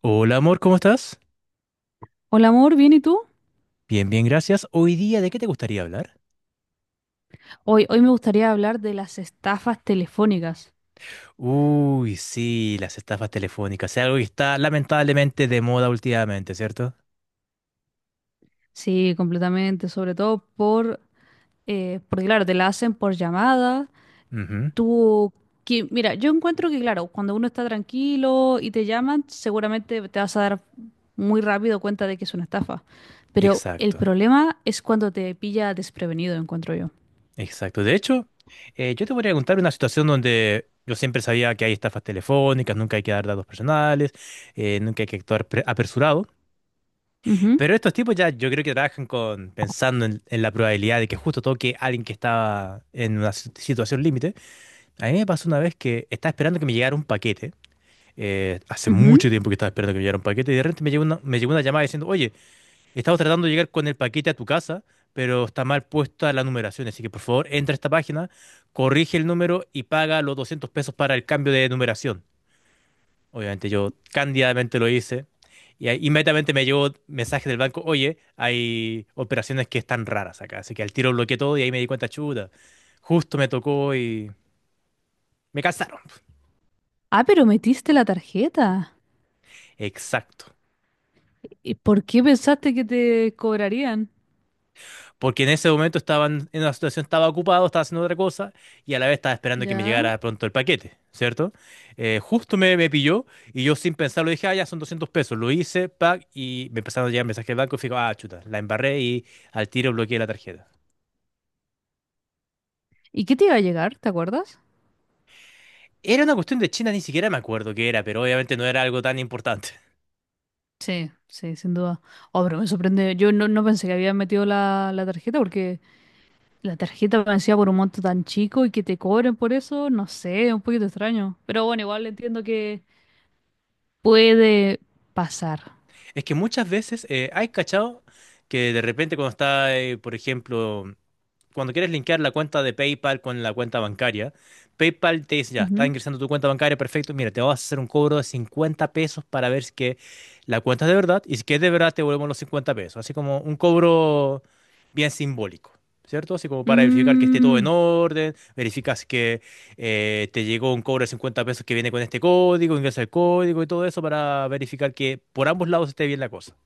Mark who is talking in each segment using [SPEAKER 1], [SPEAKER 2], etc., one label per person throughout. [SPEAKER 1] Hola amor, ¿cómo estás?
[SPEAKER 2] Hola amor, ¿bien y tú?
[SPEAKER 1] Bien, bien, gracias. Hoy día, ¿de qué te gustaría hablar?
[SPEAKER 2] Hoy me gustaría hablar de las estafas telefónicas.
[SPEAKER 1] Uy, sí, las estafas telefónicas. Es algo que está lamentablemente de moda últimamente, ¿cierto?
[SPEAKER 2] Sí, completamente, sobre todo porque claro, te la hacen por llamada.
[SPEAKER 1] Ujú.
[SPEAKER 2] Tú, que, mira, yo encuentro que claro, cuando uno está tranquilo y te llaman, seguramente te vas a dar muy rápido cuenta de que es una estafa. Pero el
[SPEAKER 1] Exacto,
[SPEAKER 2] problema es cuando te pilla desprevenido, encuentro yo.
[SPEAKER 1] exacto. De hecho, yo te voy a contar una situación donde yo siempre sabía que hay estafas telefónicas, nunca hay que dar datos personales, nunca hay que actuar apresurado.
[SPEAKER 2] Ujú,
[SPEAKER 1] Pero estos tipos ya yo creo que trabajan con pensando en la probabilidad de que justo toque a alguien que está en una situación límite. A mí me pasó una vez que estaba esperando que me llegara un paquete. Hace
[SPEAKER 2] ujú.
[SPEAKER 1] mucho tiempo que estaba esperando que me llegara un paquete y de repente me llegó una llamada diciendo, oye, estamos tratando de llegar con el paquete a tu casa, pero está mal puesta la numeración, así que por favor entra a esta página, corrige el número y paga los 200 pesos para el cambio de numeración. Obviamente yo cándidamente lo hice y ahí inmediatamente me llegó mensaje del banco, oye, hay operaciones que están raras acá, así que al tiro bloqueé todo y ahí me di cuenta, chuta, justo me tocó y me cansaron.
[SPEAKER 2] Ah, pero metiste la tarjeta.
[SPEAKER 1] Exacto.
[SPEAKER 2] ¿Y por qué pensaste que te cobrarían?
[SPEAKER 1] Porque en ese momento estaban en una situación, estaba ocupado, estaba haciendo otra cosa y a la vez estaba esperando que me
[SPEAKER 2] Ya.
[SPEAKER 1] llegara pronto el paquete, ¿cierto? Justo me pilló y yo sin pensarlo dije, ah, ya son 200 pesos. Lo hice, pack, y me empezaron a llegar mensajes del banco y fijo, ah, chuta, la embarré y al tiro bloqueé la tarjeta.
[SPEAKER 2] ¿Y qué te iba a llegar? ¿Te acuerdas?
[SPEAKER 1] Era una cuestión de China, ni siquiera me acuerdo qué era, pero obviamente no era algo tan importante.
[SPEAKER 2] Sí, sí, sin duda. Oh, pero me sorprende. Yo no pensé que había metido la tarjeta porque la tarjeta me decía por un monto tan chico y que te cobren por eso, no sé, es un poquito extraño. Pero bueno, igual entiendo que puede pasar.
[SPEAKER 1] Es que muchas veces, ¿hay cachado? Que de repente cuando está, por ejemplo, cuando quieres linkear la cuenta de PayPal con la cuenta bancaria, PayPal te dice, ya, está
[SPEAKER 2] Ujú.
[SPEAKER 1] ingresando tu cuenta bancaria, perfecto, mira, te vas a hacer un cobro de 50 pesos para ver si que la cuenta es de verdad y si que es de verdad te devolvemos los 50 pesos, así como un cobro bien simbólico. ¿Cierto? Así como para verificar que esté todo en
[SPEAKER 2] Mm,
[SPEAKER 1] orden, verificas que te llegó un cobro de 50 pesos que viene con este código, ingresa el código y todo eso para verificar que por ambos lados esté bien la cosa.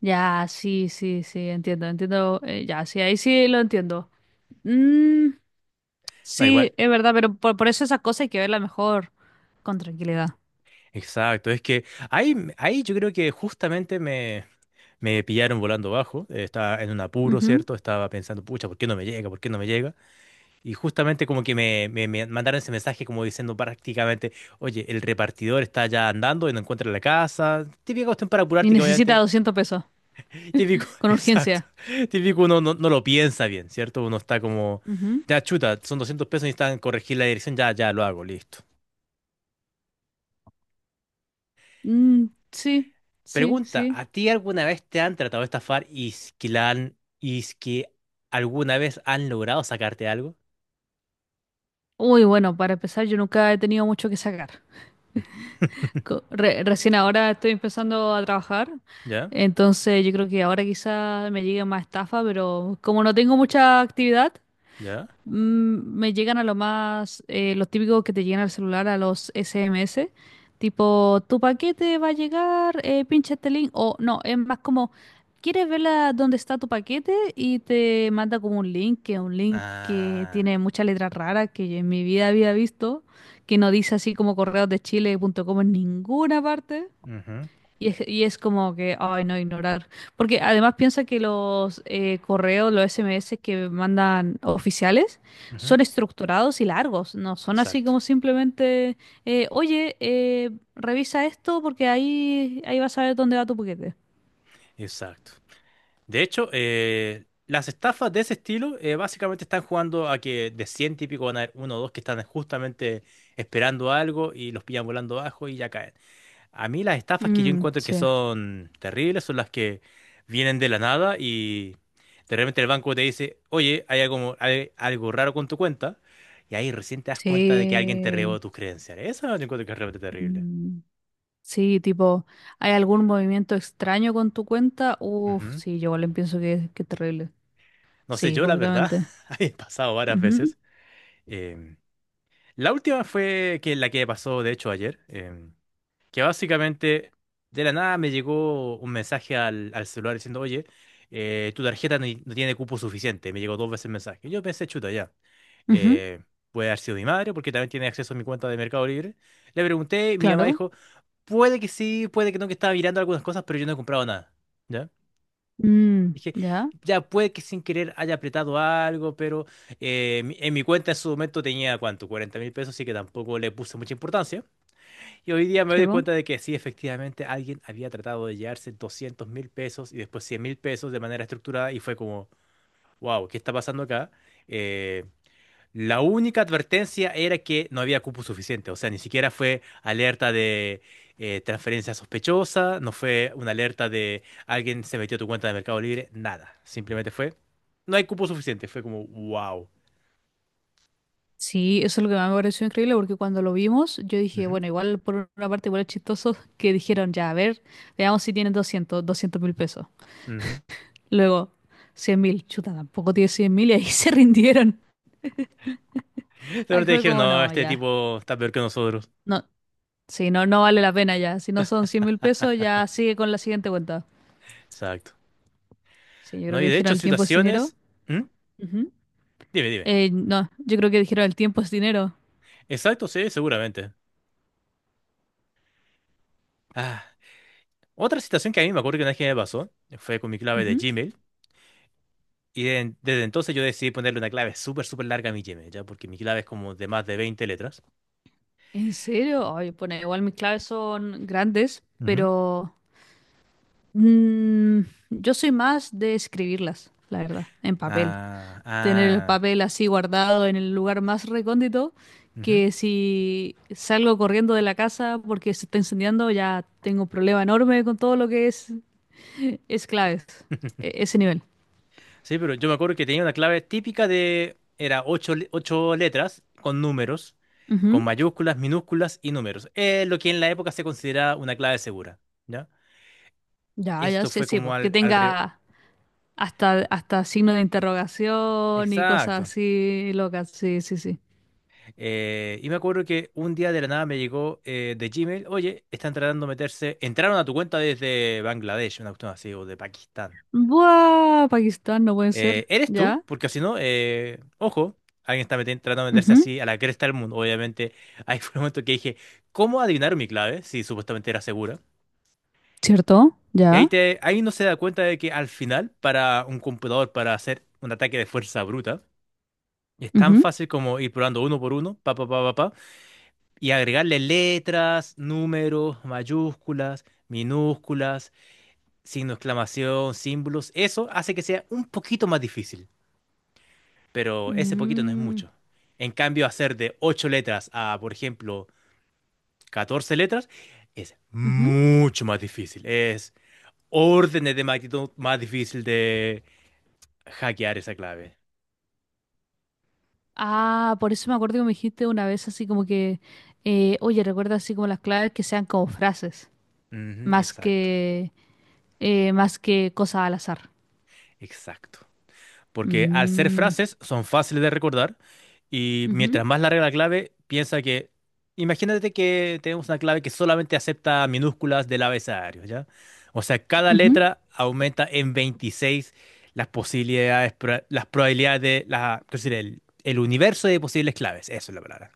[SPEAKER 2] ya, sí, sí, sí, entiendo, entiendo. Ya, sí, ahí sí lo entiendo. Mm,
[SPEAKER 1] Da igual.
[SPEAKER 2] sí, es verdad, pero por eso esas cosas hay que verlas mejor con tranquilidad.
[SPEAKER 1] Exacto, es que ahí yo creo que justamente me pillaron volando bajo, estaba en un apuro,
[SPEAKER 2] Ujú.
[SPEAKER 1] ¿cierto? Estaba pensando, pucha, ¿por qué no me llega? ¿Por qué no me llega? Y justamente como que me mandaron ese mensaje como diciendo prácticamente, oye, el repartidor está ya andando y no encuentra la casa. Típica cuestión para
[SPEAKER 2] Y
[SPEAKER 1] apurarte que
[SPEAKER 2] necesita
[SPEAKER 1] obviamente,
[SPEAKER 2] 200 pesos.
[SPEAKER 1] típico,
[SPEAKER 2] Con
[SPEAKER 1] exacto,
[SPEAKER 2] urgencia.
[SPEAKER 1] típico uno no lo piensa bien, ¿cierto? Uno está como,
[SPEAKER 2] Ujú.
[SPEAKER 1] ya chuta, son 200 pesos y necesitan corregir la dirección, ya, ya lo hago, listo.
[SPEAKER 2] Mm, sí, sí,
[SPEAKER 1] Pregunta,
[SPEAKER 2] sí.
[SPEAKER 1] ¿a ti alguna vez te han tratado de estafar y es que alguna vez han logrado sacarte algo?
[SPEAKER 2] Uy, bueno, para empezar, yo nunca he tenido mucho que sacar. Recién ahora estoy empezando a trabajar,
[SPEAKER 1] ¿Ya?
[SPEAKER 2] entonces yo creo que ahora quizá me llegue más estafa, pero como no tengo mucha actividad,
[SPEAKER 1] ¿Ya?
[SPEAKER 2] mm, me llegan a lo más, los típicos que te llegan al celular, a los SMS, tipo, tu paquete va a llegar, pincha este link, o no, es más como, ¿quieres ver dónde está tu paquete? Y te manda como un link, que es un link que
[SPEAKER 1] Ah,
[SPEAKER 2] tiene muchas letras raras que yo en mi vida había visto, que no dice así como correosdechile.com en ninguna parte.
[SPEAKER 1] ujú,
[SPEAKER 2] Y es como que, ay, no, ignorar. Porque además piensa que los correos, los SMS que mandan oficiales
[SPEAKER 1] ujú.
[SPEAKER 2] son estructurados y largos, no son así
[SPEAKER 1] Exacto,
[SPEAKER 2] como simplemente, oye, revisa esto porque ahí vas a ver dónde va tu paquete.
[SPEAKER 1] exacto. De hecho, las estafas de ese estilo básicamente están jugando a que de 100 típicos van a haber uno o dos que están justamente esperando algo y los pillan volando abajo y ya caen. A mí las estafas que yo
[SPEAKER 2] Mm,
[SPEAKER 1] encuentro que
[SPEAKER 2] sí.
[SPEAKER 1] son terribles son las que vienen de la nada y de repente el banco te dice, oye, hay algo raro con tu cuenta y ahí recién te das cuenta de que alguien te robó
[SPEAKER 2] Sí.
[SPEAKER 1] tus credenciales. Eso yo encuentro que es realmente terrible.
[SPEAKER 2] Mm, sí, tipo, ¿hay algún movimiento extraño con tu cuenta? Uf,
[SPEAKER 1] Ujú.
[SPEAKER 2] sí, yo igual pienso que es terrible.
[SPEAKER 1] No sé,
[SPEAKER 2] Sí,
[SPEAKER 1] yo la verdad,
[SPEAKER 2] completamente.
[SPEAKER 1] ha pasado varias
[SPEAKER 2] Ujú,
[SPEAKER 1] veces. Em, la última fue que la que pasó, de hecho, ayer, que básicamente de la nada me llegó un mensaje al celular diciendo, oye, tu tarjeta no tiene cupo suficiente. Me llegó dos veces el mensaje. Yo pensé, chuta, ya.
[SPEAKER 2] ujú,
[SPEAKER 1] eh, Puede haber sido mi madre, porque también tiene acceso a mi cuenta de Mercado Libre. Le pregunté, mi mamá
[SPEAKER 2] claro.
[SPEAKER 1] dijo, puede que sí, puede que no, que estaba mirando algunas cosas, pero yo no he comprado nada.
[SPEAKER 2] Mm,
[SPEAKER 1] Dije,
[SPEAKER 2] ya,
[SPEAKER 1] ya puede que sin querer haya apretado algo, pero en mi cuenta en su momento tenía, ¿cuánto? 40.000 pesos, así que tampoco le puse mucha importancia. Y hoy día me
[SPEAKER 2] sí,
[SPEAKER 1] doy
[SPEAKER 2] po.
[SPEAKER 1] cuenta de que sí, efectivamente, alguien había tratado de llevarse 200.000 pesos y después 100.000 pesos de manera estructurada y fue como, wow, ¿qué está pasando acá? Eh, la única advertencia era que no había cupo suficiente, o sea, ni siquiera fue alerta de transferencia sospechosa, no fue una alerta de alguien se metió a tu cuenta de Mercado Libre, nada, simplemente fue, no hay cupo suficiente, fue como, wow.
[SPEAKER 2] Sí, eso es lo que más me pareció increíble porque cuando lo vimos, yo dije,
[SPEAKER 1] Ujú,
[SPEAKER 2] bueno, igual por una parte igual es chistoso que dijeron, ya, a ver, veamos si tienen 200 mil pesos.
[SPEAKER 1] ujú.
[SPEAKER 2] Luego, 100 mil, chuta, tampoco tiene 100 mil y ahí se rindieron.
[SPEAKER 1] Pero
[SPEAKER 2] Ahí
[SPEAKER 1] te
[SPEAKER 2] fue
[SPEAKER 1] dijeron,
[SPEAKER 2] como,
[SPEAKER 1] no,
[SPEAKER 2] no,
[SPEAKER 1] este
[SPEAKER 2] ya,
[SPEAKER 1] tipo está peor que nosotros.
[SPEAKER 2] no, sí, no, no vale la pena ya. Si no son 100 mil pesos, ya sigue con la siguiente cuenta.
[SPEAKER 1] Exacto.
[SPEAKER 2] Sí, yo
[SPEAKER 1] No,
[SPEAKER 2] creo
[SPEAKER 1] y
[SPEAKER 2] que
[SPEAKER 1] de
[SPEAKER 2] dijeron
[SPEAKER 1] hecho,
[SPEAKER 2] el tiempo es dinero.
[SPEAKER 1] situaciones... ¿Mm?
[SPEAKER 2] Ujú.
[SPEAKER 1] Dime, dime.
[SPEAKER 2] No, yo creo que dijeron el tiempo es dinero.
[SPEAKER 1] Exacto, sí, seguramente. Ah, otra situación que a mí me acuerdo que una vez que me pasó, fue con mi clave de Gmail. Y desde entonces yo decidí ponerle una clave súper, súper larga a mi Gmail, ¿ya? Porque mi clave es como de más de 20 letras.
[SPEAKER 2] ¿En serio? Ay, bueno, igual mis claves son grandes,
[SPEAKER 1] Ujú.
[SPEAKER 2] pero mm, yo soy más de escribirlas, la verdad, en papel.
[SPEAKER 1] Ah,
[SPEAKER 2] Tener el
[SPEAKER 1] ah,
[SPEAKER 2] papel así guardado en el lugar más recóndito,
[SPEAKER 1] ujú.
[SPEAKER 2] que si salgo corriendo de la casa porque se está incendiando, ya tengo un problema enorme con todo lo que es claves, ese nivel.
[SPEAKER 1] Sí, pero yo me acuerdo que tenía una clave típica de, era ocho letras con números, con
[SPEAKER 2] Ujú.
[SPEAKER 1] mayúsculas, minúsculas y números. Lo que en la época se consideraba una clave segura, ¿ya?
[SPEAKER 2] Ya, ya,
[SPEAKER 1] Esto
[SPEAKER 2] sí,
[SPEAKER 1] fue
[SPEAKER 2] sí,
[SPEAKER 1] como
[SPEAKER 2] po, que
[SPEAKER 1] al, alrededor...
[SPEAKER 2] tenga hasta signo de interrogación y cosas
[SPEAKER 1] Exacto.
[SPEAKER 2] así locas, sí, sí, sí.
[SPEAKER 1] Y me acuerdo que un día de la nada me llegó de Gmail, oye, están tratando de meterse, entraron a tu cuenta desde Bangladesh, una cuestión así, o de Pakistán.
[SPEAKER 2] Buah, Pakistán, no puede ser.
[SPEAKER 1] ¿Eres tú?
[SPEAKER 2] Ya.
[SPEAKER 1] Porque si no, ojo, alguien está tratando de meterse
[SPEAKER 2] Ujú.
[SPEAKER 1] así a la cresta del mundo. Obviamente, ahí fue el momento que dije, ¿cómo adivinar mi clave? Si supuestamente era segura.
[SPEAKER 2] ¿Cierto?
[SPEAKER 1] Y ahí,
[SPEAKER 2] Ya.
[SPEAKER 1] te, ahí no se da cuenta de que al final, para un computador, para hacer un ataque de fuerza bruta, es tan
[SPEAKER 2] Ujú.
[SPEAKER 1] fácil como ir probando uno por uno, pa, pa, pa, pa, pa, y agregarle letras, números, mayúsculas, minúsculas, signo de exclamación, símbolos, eso hace que sea un poquito más difícil, pero ese poquito no es
[SPEAKER 2] Mm,
[SPEAKER 1] mucho. En cambio, hacer de 8 letras a, por ejemplo, 14 letras es
[SPEAKER 2] ujú.
[SPEAKER 1] mucho más difícil, es órdenes de magnitud más difícil de hackear esa clave.
[SPEAKER 2] Ah, por eso me acuerdo que me dijiste una vez así como que, oye, recuerda así como las claves que sean como frases,
[SPEAKER 1] Ujú,
[SPEAKER 2] más
[SPEAKER 1] exacto,
[SPEAKER 2] que, más que cosas al azar.
[SPEAKER 1] exacto. Porque al ser
[SPEAKER 2] Mm,
[SPEAKER 1] frases son fáciles de recordar y mientras
[SPEAKER 2] ujú,
[SPEAKER 1] más larga la clave, piensa que, imagínate que tenemos una clave que solamente acepta minúsculas del abecedario, ¿ya? O sea, cada
[SPEAKER 2] ujú,
[SPEAKER 1] letra aumenta en 26 las posibilidades, las probabilidades es decir, el universo de posibles claves, eso es la palabra.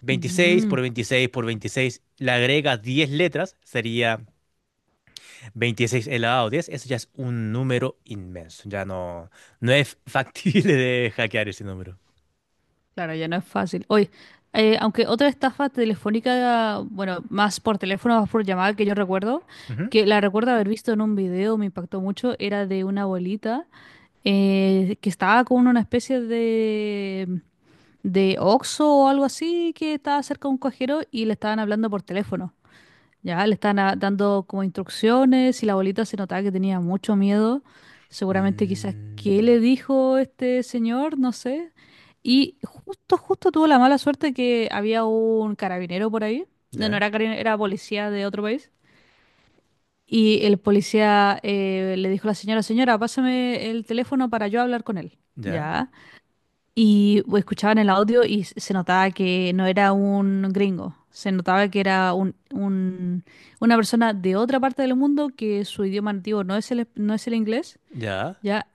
[SPEAKER 1] 26
[SPEAKER 2] ujú.
[SPEAKER 1] por 26 por 26, le agrega 10 letras, sería 26 elevado a 10 eso ya es un número inmenso. Ya no, no es factible de hackear ese número.
[SPEAKER 2] Claro, ya no es fácil. Oye, aunque otra estafa telefónica, bueno, más por teléfono, más por llamada que yo recuerdo,
[SPEAKER 1] Ujú.
[SPEAKER 2] que la recuerdo haber visto en un video, me impactó mucho, era de una abuelita que estaba con una especie de Oxxo o algo así, que estaba cerca de un cajero y le estaban hablando por teléfono. Ya le están dando como instrucciones y la abuelita se notaba que tenía mucho miedo. Seguramente quizás qué
[SPEAKER 1] Mm,
[SPEAKER 2] le dijo este señor, no sé. Y justo tuvo la mala suerte que había un carabinero por ahí. No, no
[SPEAKER 1] ya,
[SPEAKER 2] era carabinero, era policía de otro país. Y el policía le dijo a la señora, señora, pásame el teléfono para yo hablar con él.
[SPEAKER 1] ya,
[SPEAKER 2] Ya. Y escuchaban el audio y se notaba que no era un gringo, se notaba que era un, una persona de otra parte del mundo que su idioma nativo no es el, no es el inglés,
[SPEAKER 1] ya.
[SPEAKER 2] ¿ya?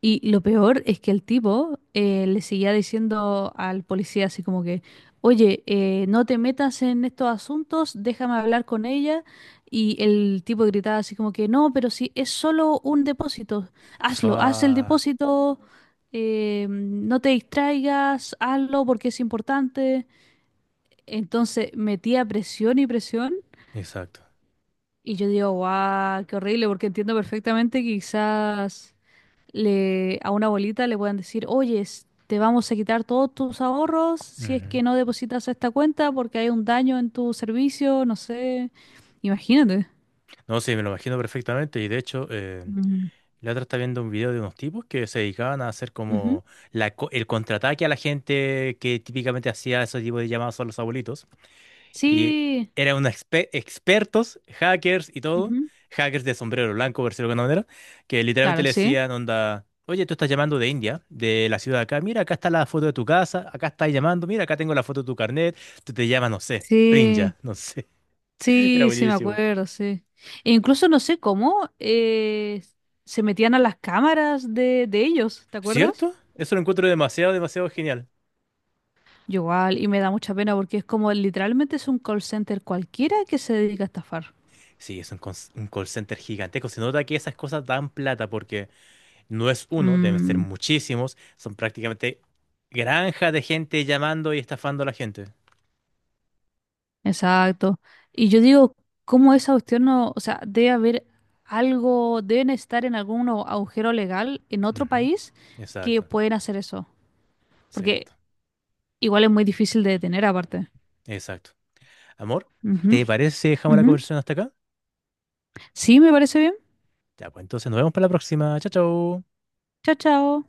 [SPEAKER 2] Y lo peor es que el tipo le seguía diciendo al policía así como que, oye, no te metas en estos asuntos, déjame hablar con ella. Y el tipo gritaba así como que, no, pero si es solo un depósito, hazlo, haz el
[SPEAKER 1] Fa.
[SPEAKER 2] depósito, no te distraigas, hazlo porque es importante. Entonces metía presión y presión.
[SPEAKER 1] Exacto.
[SPEAKER 2] Y yo digo, guau, qué horrible, porque entiendo perfectamente que quizás le, a una abuelita le puedan decir, oye, te vamos a quitar todos tus ahorros si es
[SPEAKER 1] Ujú.
[SPEAKER 2] que no depositas a esta cuenta porque hay un daño en tu servicio, no sé. Imagínate.
[SPEAKER 1] No, sí, me lo imagino perfectamente. Y de hecho,
[SPEAKER 2] Mm.
[SPEAKER 1] la otra está viendo un video de unos tipos que se dedicaban a hacer
[SPEAKER 2] Ujú.
[SPEAKER 1] como el contraataque a la gente que típicamente hacía ese tipo de llamadas a los abuelitos. Y
[SPEAKER 2] Sí,
[SPEAKER 1] eran unos expertos, hackers y todo,
[SPEAKER 2] ujú.
[SPEAKER 1] hackers de sombrero blanco, por decirlo de alguna manera, que literalmente
[SPEAKER 2] Claro,
[SPEAKER 1] le
[SPEAKER 2] sí.
[SPEAKER 1] decían, onda, oye, tú estás llamando de India, de la ciudad de acá, mira, acá está la foto de tu casa, acá estás llamando, mira, acá tengo la foto de tu carnet, tú te llamas, no sé, Prinja,
[SPEAKER 2] Sí,
[SPEAKER 1] no sé, era
[SPEAKER 2] sí, sí, me
[SPEAKER 1] buenísimo.
[SPEAKER 2] acuerdo, sí. E incluso no sé cómo se metían a las cámaras de ellos, ¿te acuerdas?
[SPEAKER 1] ¿Cierto? Eso lo encuentro demasiado, demasiado genial.
[SPEAKER 2] Yo igual, y me da mucha pena porque es como literalmente es un call center cualquiera que se dedica a estafar.
[SPEAKER 1] Sí, es un call center gigantesco, se nota que esas cosas dan plata porque... No es uno, deben ser
[SPEAKER 2] Mm.
[SPEAKER 1] muchísimos. Son prácticamente granja de gente llamando y estafando a la gente.
[SPEAKER 2] Exacto. Y yo digo, ¿cómo esa cuestión no, o sea, debe haber algo, deben estar en algún agujero legal en otro
[SPEAKER 1] Ujú.
[SPEAKER 2] país que
[SPEAKER 1] Exacto,
[SPEAKER 2] pueden hacer eso? Porque
[SPEAKER 1] exacto,
[SPEAKER 2] igual es muy difícil de detener aparte.
[SPEAKER 1] exacto. Amor,
[SPEAKER 2] Ujú,
[SPEAKER 1] ¿te parece si dejamos la
[SPEAKER 2] ujú.
[SPEAKER 1] conversación hasta acá?
[SPEAKER 2] Sí, me parece bien.
[SPEAKER 1] Ya, pues entonces nos vemos para la próxima. Chao, chao.
[SPEAKER 2] Chao, chao.